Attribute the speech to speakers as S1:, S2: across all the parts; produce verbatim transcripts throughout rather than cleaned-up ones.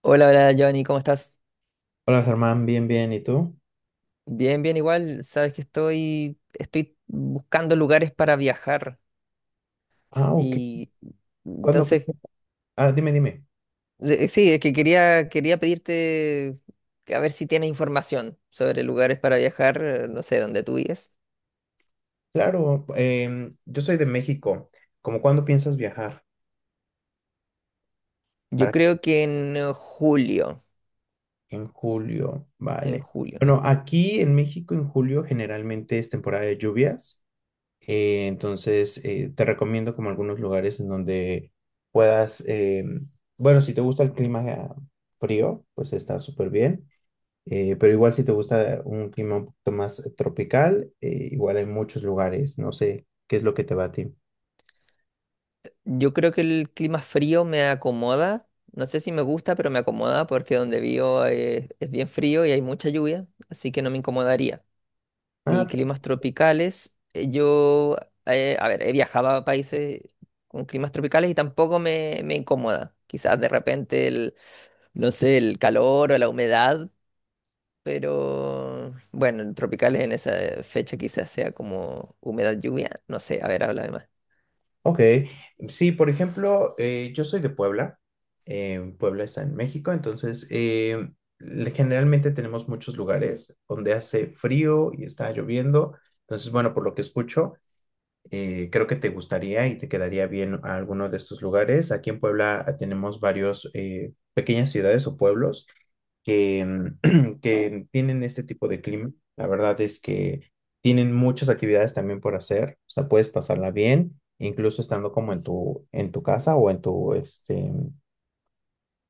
S1: Hola, hola, Giovanni, ¿cómo estás?
S2: Hola Germán, bien, bien, ¿y tú?
S1: Bien, bien, igual. Sabes que estoy, estoy buscando lugares para viajar
S2: Ah, ok.
S1: y
S2: ¿Cuándo?
S1: entonces,
S2: Ah, dime, dime.
S1: eh, sí, es que quería, quería pedirte que a ver si tienes información sobre lugares para viajar, eh, no sé, dónde tú vives.
S2: Claro, em, yo soy de México. ¿Cómo cuándo piensas viajar?
S1: Yo
S2: ¿Para
S1: creo que en eh, julio,
S2: En julio,
S1: en
S2: vale.
S1: julio.
S2: Bueno, aquí en México en julio generalmente es temporada de lluvias, eh, entonces eh, te recomiendo como algunos lugares en donde puedas, em, bueno, si te gusta el clima eh, frío, pues está súper bien. Eh, pero igual si te gusta un clima un poquito más tropical, eh, igual hay muchos lugares, no sé, ¿qué es lo que te va a ti?
S1: Yo creo que el clima frío me acomoda. No sé si me gusta, pero me acomoda porque donde vivo eh, es bien frío y hay mucha lluvia, así que no me incomodaría. Y
S2: Ah,
S1: climas tropicales. Eh, Yo, eh, a ver, he viajado a países con climas tropicales y tampoco me, me incomoda. Quizás de repente el, no sé, el calor o la humedad, pero bueno, el tropical en esa fecha quizás sea como humedad lluvia. No sé, a ver, háblame más.
S2: ok. Sí, por ejemplo, eh, yo soy de Puebla. eh, Puebla está en México, entonces eh, le- generalmente tenemos muchos lugares donde hace frío y está lloviendo. Entonces, bueno, por lo que escucho, Eh, creo que te gustaría y te quedaría bien a alguno de estos lugares. Aquí en Puebla ah, tenemos varios eh, pequeñas ciudades o pueblos que, mm, que tienen este tipo de clima. La verdad es que tienen muchas actividades también por hacer. O sea, puedes pasarla bien, incluso estando como en tu, en tu casa o en tu, este,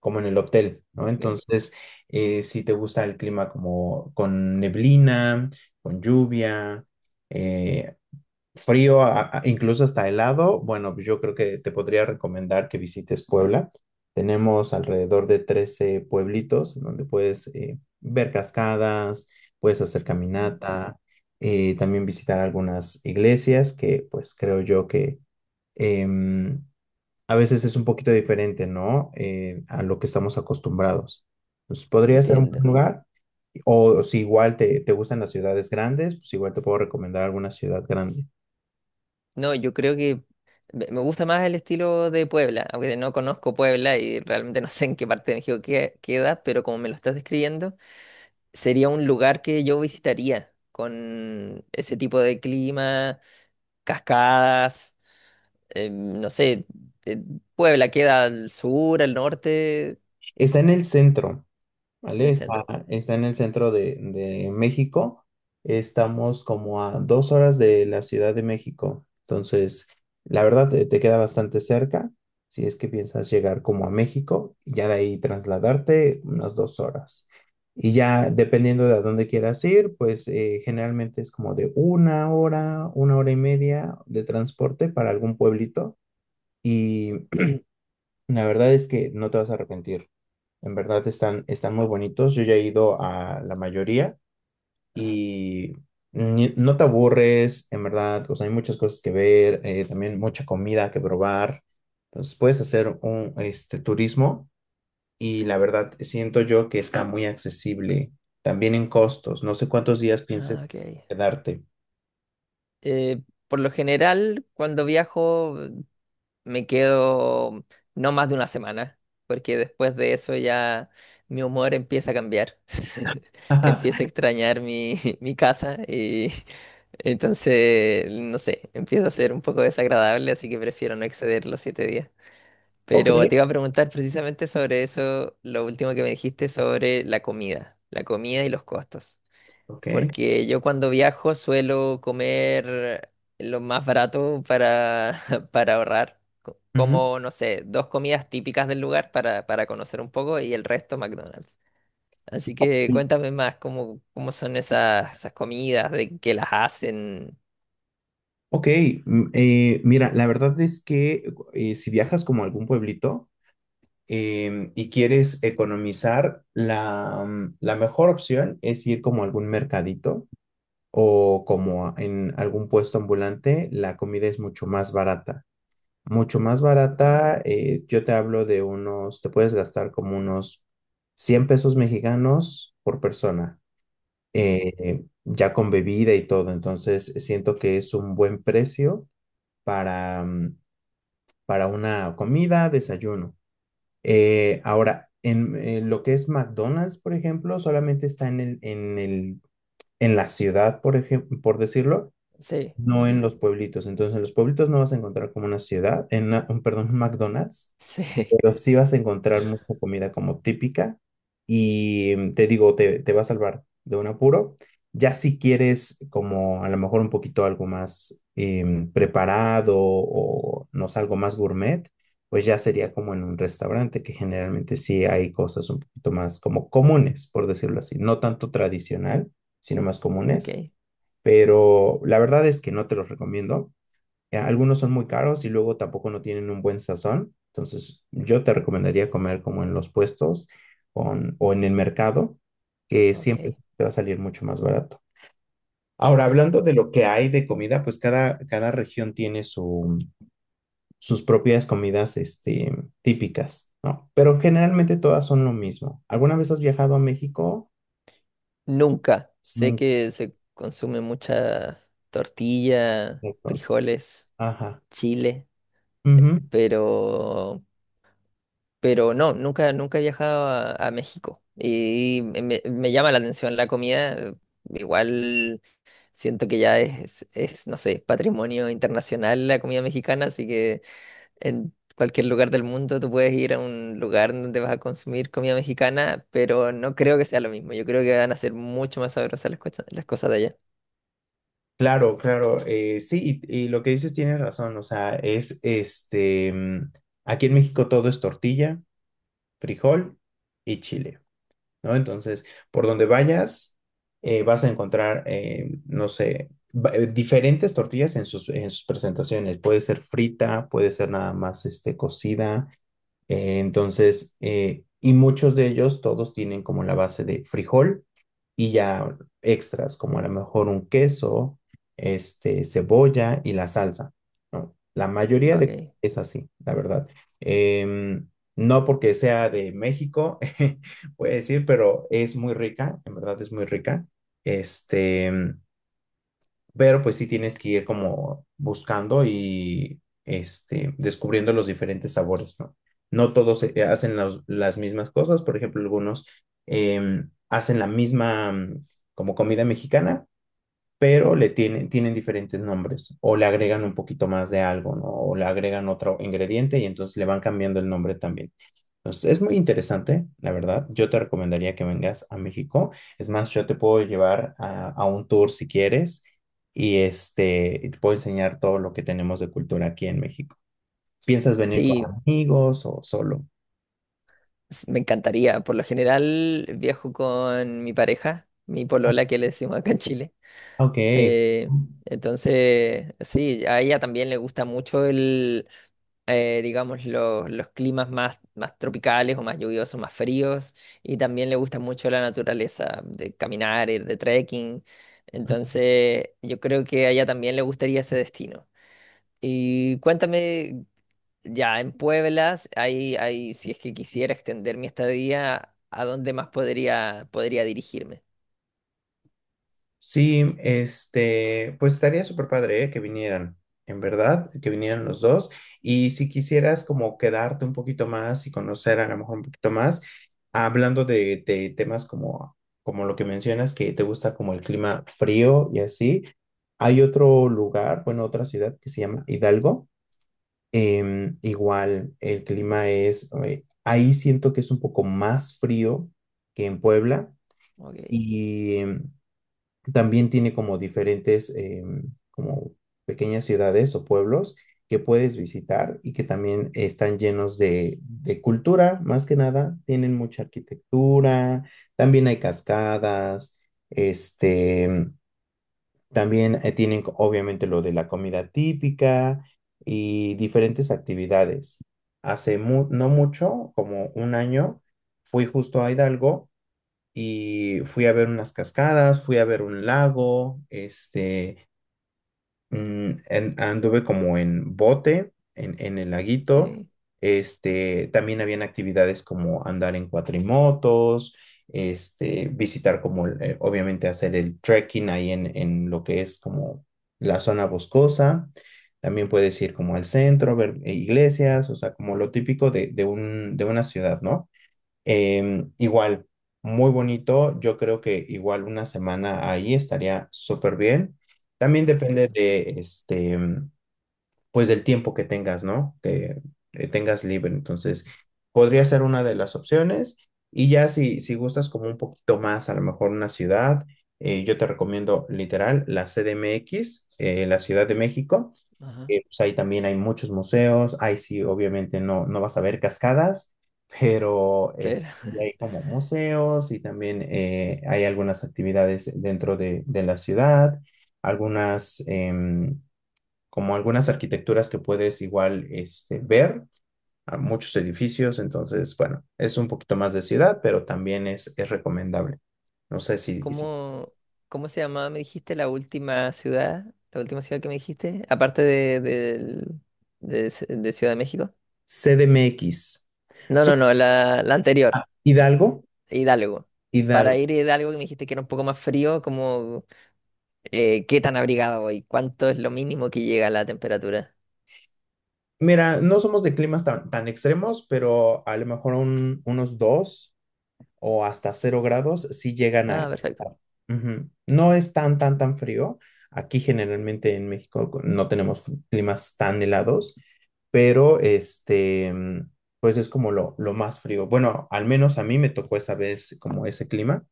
S2: como en el hotel, ¿no?
S1: Ok.
S2: Entonces, eh, si te gusta el clima como con neblina, con lluvia, eh, frío, a- a- incluso hasta helado, bueno, pues yo creo que te podría recomendar que visites Puebla. Tenemos alrededor de trece pueblitos en donde puedes eh, ver cascadas, puedes hacer
S1: Mm.
S2: caminata, eh, también visitar algunas iglesias que pues creo yo que em, a veces es un poquito diferente, ¿no? Eh, a lo que estamos acostumbrados. Pues podría ser un buen
S1: Entiendo.
S2: lugar. O si igual te, te gustan las ciudades grandes, pues igual te puedo recomendar alguna ciudad grande.
S1: No, yo creo que me me gusta más el estilo de Puebla, aunque no conozco Puebla y realmente no sé en qué parte de México que- queda, pero como me lo estás describiendo, sería un lugar que yo visitaría con ese tipo de clima, cascadas, eh, no sé, eh, Puebla queda al sur, al norte,
S2: Está en el centro,
S1: en
S2: ¿vale?
S1: el
S2: Está,
S1: centro.
S2: está en el centro de, de México. Estamos como a dos horas de la Ciudad de México. Entonces, la verdad, te, te queda bastante cerca. Si es que piensas llegar como a México, y ya de ahí trasladarte unas dos horas. Y ya dependiendo de a dónde quieras ir, pues eh, generalmente es como de una hora, una hora y media de transporte para algún pueblito. Y la verdad es que no te vas a arrepentir. En verdad están, están muy bonitos. Yo ya he ido a la mayoría y ni- no te aburres, en verdad. O sea, hay muchas cosas que ver, eh, también mucha comida que probar. Entonces puedes hacer un este, turismo y la verdad siento yo que está muy accesible. También en costos. No sé cuántos días
S1: Ah,
S2: pienses
S1: ok.
S2: quedarte.
S1: Eh, por lo general, cuando viajo, me quedo no más de una semana, porque después de eso ya mi humor empieza a cambiar. Empiezo a extrañar mi, mi casa y entonces, no sé, empieza a ser un poco desagradable, así que prefiero no exceder los siete días.
S2: Ok,
S1: Pero te iba a preguntar precisamente sobre eso, lo último que me dijiste sobre la comida, la comida y los costos.
S2: ok.
S1: Porque yo cuando viajo suelo comer lo más barato para, para ahorrar. Co-
S2: Ujú.
S1: Como, no sé, dos comidas típicas del lugar para, para conocer un poco y el resto McDonald's. Así que cuéntame más cómo, cómo son esas, esas comidas, de qué las hacen.
S2: Ok, mm, eh, mira, la verdad es que eh, si viajas como a algún pueblito, em, y quieres economizar, la, mm, la mejor opción es ir como a algún mercadito o como a- en algún puesto ambulante, la comida es mucho más barata. Mucho más
S1: Ok,
S2: barata, eh, yo te hablo de unos, te puedes gastar como unos cien pesos mexicanos por persona,
S1: ok.
S2: eh, ya con bebida y todo. Entonces, siento que es un buen precio para, mm, para una comida, desayuno. Eh, ahora, en, en lo que es McDonald's, por ejemplo, solamente está en el, en el, en la ciudad, por ejemplo, por decirlo,
S1: Sí,
S2: no
S1: mm,
S2: en los pueblitos. Entonces, en los pueblitos no vas a encontrar como una ciudad, en una- un, perdón, un McDonald's,
S1: sí,
S2: pero sí vas a encontrar mucha comida como típica y mm, te digo, te, te va a salvar de un apuro. Ya si quieres como a lo mejor un poquito algo más em, preparado o no sé, algo más gourmet, pues ya sería como en un restaurante, que generalmente sí hay cosas un poquito más como comunes, por decirlo así, no tanto tradicional, sino más comunes,
S1: ok,
S2: pero la verdad es que no te los recomiendo. Eh, Algunos son muy caros y luego tampoco no tienen un buen sazón. Entonces, yo te recomendaría comer como en los puestos o en, o en el mercado, que siempre
S1: ok.
S2: te va a salir mucho más barato. Ahora, hablando de lo que hay de comida, pues cada, cada región tiene su- sus propias comidas, este, típicas, ¿no? Pero generalmente todas son lo mismo. ¿Alguna vez has viajado a México?
S1: Nunca. Sé
S2: Nunca.
S1: que se consume mucha tortilla,
S2: Perfecto.
S1: frijoles,
S2: Ajá.
S1: chile,
S2: Ujú.
S1: pero... Pero no, nunca, nunca he viajado a, a México y me, me llama la atención la comida. eh, Igual siento que ya es, es, no sé, patrimonio internacional la comida mexicana, así que en cualquier lugar del mundo tú puedes ir a un lugar donde vas a consumir comida mexicana, pero no creo que sea lo mismo. Yo creo que van a ser mucho más sabrosas las, cosas- las cosas de allá.
S2: Claro, claro, eh, sí, y, y lo que dices tienes razón, o sea, es este, mm, aquí en México todo es tortilla, frijol y chile, ¿no? Entonces, por donde vayas, eh, vas a encontrar, eh, no sé, va- eh, diferentes tortillas en sus, en sus presentaciones, puede ser frita, puede ser nada más, este, cocida, eh, entonces, eh, y muchos de ellos, todos tienen como la base de frijol y ya extras, como a lo mejor un queso, este, cebolla y la salsa, ¿no? La mayoría de
S1: Okay.
S2: es así, la verdad. Em, no porque sea de México, voy a decir, pero es muy rica, en verdad es muy rica. Este, pero pues sí tienes que ir como buscando y este, descubriendo los diferentes sabores, ¿no? No todos eh, hacen los- las mismas cosas, por ejemplo, algunos em, hacen la misma mm, como comida mexicana, pero le tienen, tienen diferentes nombres o le agregan un poquito más de algo, ¿no? O le agregan otro ingrediente y entonces le van cambiando el nombre también. Entonces, es muy interesante, la verdad. Yo te recomendaría que vengas a México. Es más, yo te puedo llevar a, a un tour si quieres y este, y te puedo enseñar todo lo que tenemos de cultura aquí en México. ¿Piensas venir con
S1: Sí,
S2: amigos o solo?
S1: s- me encantaría. Por lo general viajo con mi pareja, mi
S2: Ah,
S1: polola que le decimos acá en Chile.
S2: ok.
S1: Eh, entonces, sí, a ella también le gusta mucho el, eh, digamos, los, los climas más, más tropicales o más lluviosos, más fríos, y también le gusta mucho la naturaleza, de caminar, ir de trekking. Entonces, yo creo que a ella también le gustaría ese destino. Y cuéntame, ya en Pueblas, ahí, ahí, si es que quisiera extender mi estadía, ¿a dónde más podría, podría dirigirme?
S2: Sí, este, pues estaría súper padre, ¿eh? Que vinieran, en verdad, que vinieran los dos. Y si quisieras como quedarte un poquito más y conocer a lo mejor un poquito más, hablando de, de temas como, como lo que mencionas, que te gusta como el clima frío y así, hay otro lugar, bueno, otra ciudad que se llama Hidalgo. Em, igual el clima es, eh, ahí siento que es un poco más frío que en Puebla.
S1: Ok,
S2: Y em, también tiene como diferentes, em, como pequeñas ciudades o pueblos que puedes visitar y que también están llenos de, de cultura, más que nada. Tienen mucha arquitectura, también hay cascadas, este, también eh, tienen co- obviamente lo de la comida típica y diferentes actividades. Hace mu- no mucho, como un año, fui justo a Hidalgo y fui a ver unas cascadas, fui a ver un lago, este, mm, en- anduve como en bote, en, en el laguito,
S1: ok,
S2: este, también habían actividades como andar en cuatrimotos, este, visitar como, el- eh, obviamente hacer el trekking ahí en, en lo que es como la zona boscosa. También puedes ir como al centro, ver eh, iglesias, o sea, como lo típico de, de un, de una ciudad, ¿no? Em, igual, muy bonito. Yo creo que igual una semana ahí estaría súper bien. También depende
S1: perfecto.
S2: de este, pues del tiempo que tengas, ¿no? Que eh, tengas libre. Entonces, podría ser una de las opciones. Y ya si, si, gustas como un poquito más, a lo mejor una ciudad, eh, yo te recomiendo literal la C D M X, eh, la Ciudad de México
S1: Ajá.
S2: eh, pues ahí también hay muchos museos, ahí sí, obviamente no, no vas a ver cascadas, pero es-
S1: Claro.
S2: sí hay como museos y también eh, hay algunas actividades dentro de, de la ciudad, algunas, em, como algunas arquitecturas que puedes igual este, ver, a muchos edificios, entonces, bueno, es un poquito más de ciudad, pero también es, es recomendable. No sé si, si-
S1: ¿Cómo, cómo se llamaba, me dijiste, la última ciudad? ¿La última ciudad que me dijiste? Aparte de, del- de, Ci- de Ciudad de México.
S2: C D M X.
S1: No,
S2: So-
S1: no, no, la, la anterior,
S2: Hidalgo,
S1: Hidalgo.
S2: Hidalgo.
S1: Para ir a Hidalgo, que me dijiste que era un poco más frío, como eh, ¿qué tan abrigado voy? ¿Cuánto es lo mínimo que llega la temperatura?
S2: Mira, no somos de climas tan, tan extremos, pero a lo mejor un- unos dos o hasta cero grados sí llegan
S1: Ah,
S2: a
S1: perfecto,
S2: estar. Ujú. No es tan, tan, tan frío. Aquí generalmente en México co- no tenemos fr- climas tan helados, pero este, mm, pues es como lo, lo más frío. Bueno, al menos a mí me tocó esa vez como ese clima.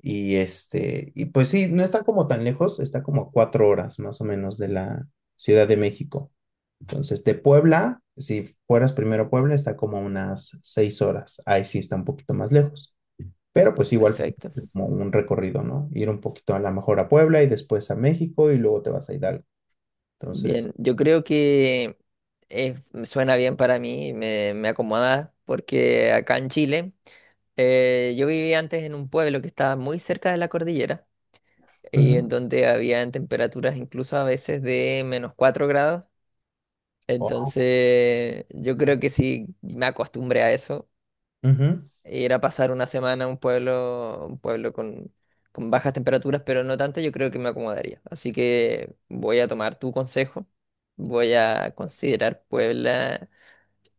S2: Y este, y pues sí, no está como tan lejos, está como a cuatro horas más o menos de la Ciudad de México. Entonces, de Puebla, si fueras primero a Puebla, está como a unas seis horas. Ahí sí está un poquito más lejos. Pero pues igual
S1: perfecto.
S2: como un recorrido, ¿no? Ir un poquito a la mejor a Puebla y después a México y luego te vas a Hidalgo. Entonces,
S1: Bien, yo creo que es- me suena bien para mí, me, me acomoda, porque acá en Chile, eh, yo vivía antes en un pueblo que estaba muy cerca de la cordillera, y en
S2: ujú.
S1: donde habían temperaturas incluso a veces de menos cuatro grados.
S2: Oh,
S1: Entonces, yo creo que sí me acostumbré a eso.
S2: ujú.
S1: Ir a pasar una semana a un pueblo, un pueblo con, con bajas temperaturas, pero no tantas, yo creo que me acomodaría. Así que voy a tomar tu consejo, voy a considerar Puebla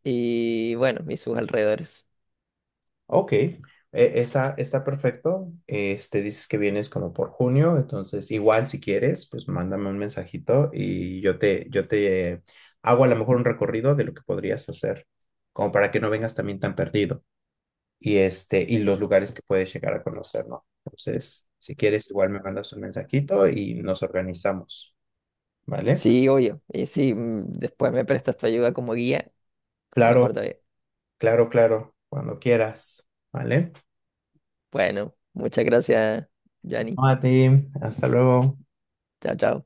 S1: y bueno, y sus alrededores.
S2: Ok, E- esa está perfecto. Este, dices que vienes como por junio, entonces igual si quieres, pues mándame un mensajito y yo te, yo te hago a lo mejor un recorrido de lo que podrías hacer, como para que no vengas también tan perdido. y, este, y los lugares que puedes llegar a conocer, ¿no? Entonces, si quieres, igual me mandas un mensajito y nos organizamos, ¿vale?
S1: Sí, obvio. Y si mm, después me prestas tu ayuda como guía,
S2: Claro,
S1: mejor todavía.
S2: claro, claro, cuando quieras, ¿vale?
S1: Bueno, muchas gracias, Yanni.
S2: No, a ti, hasta luego.
S1: Chao, chao.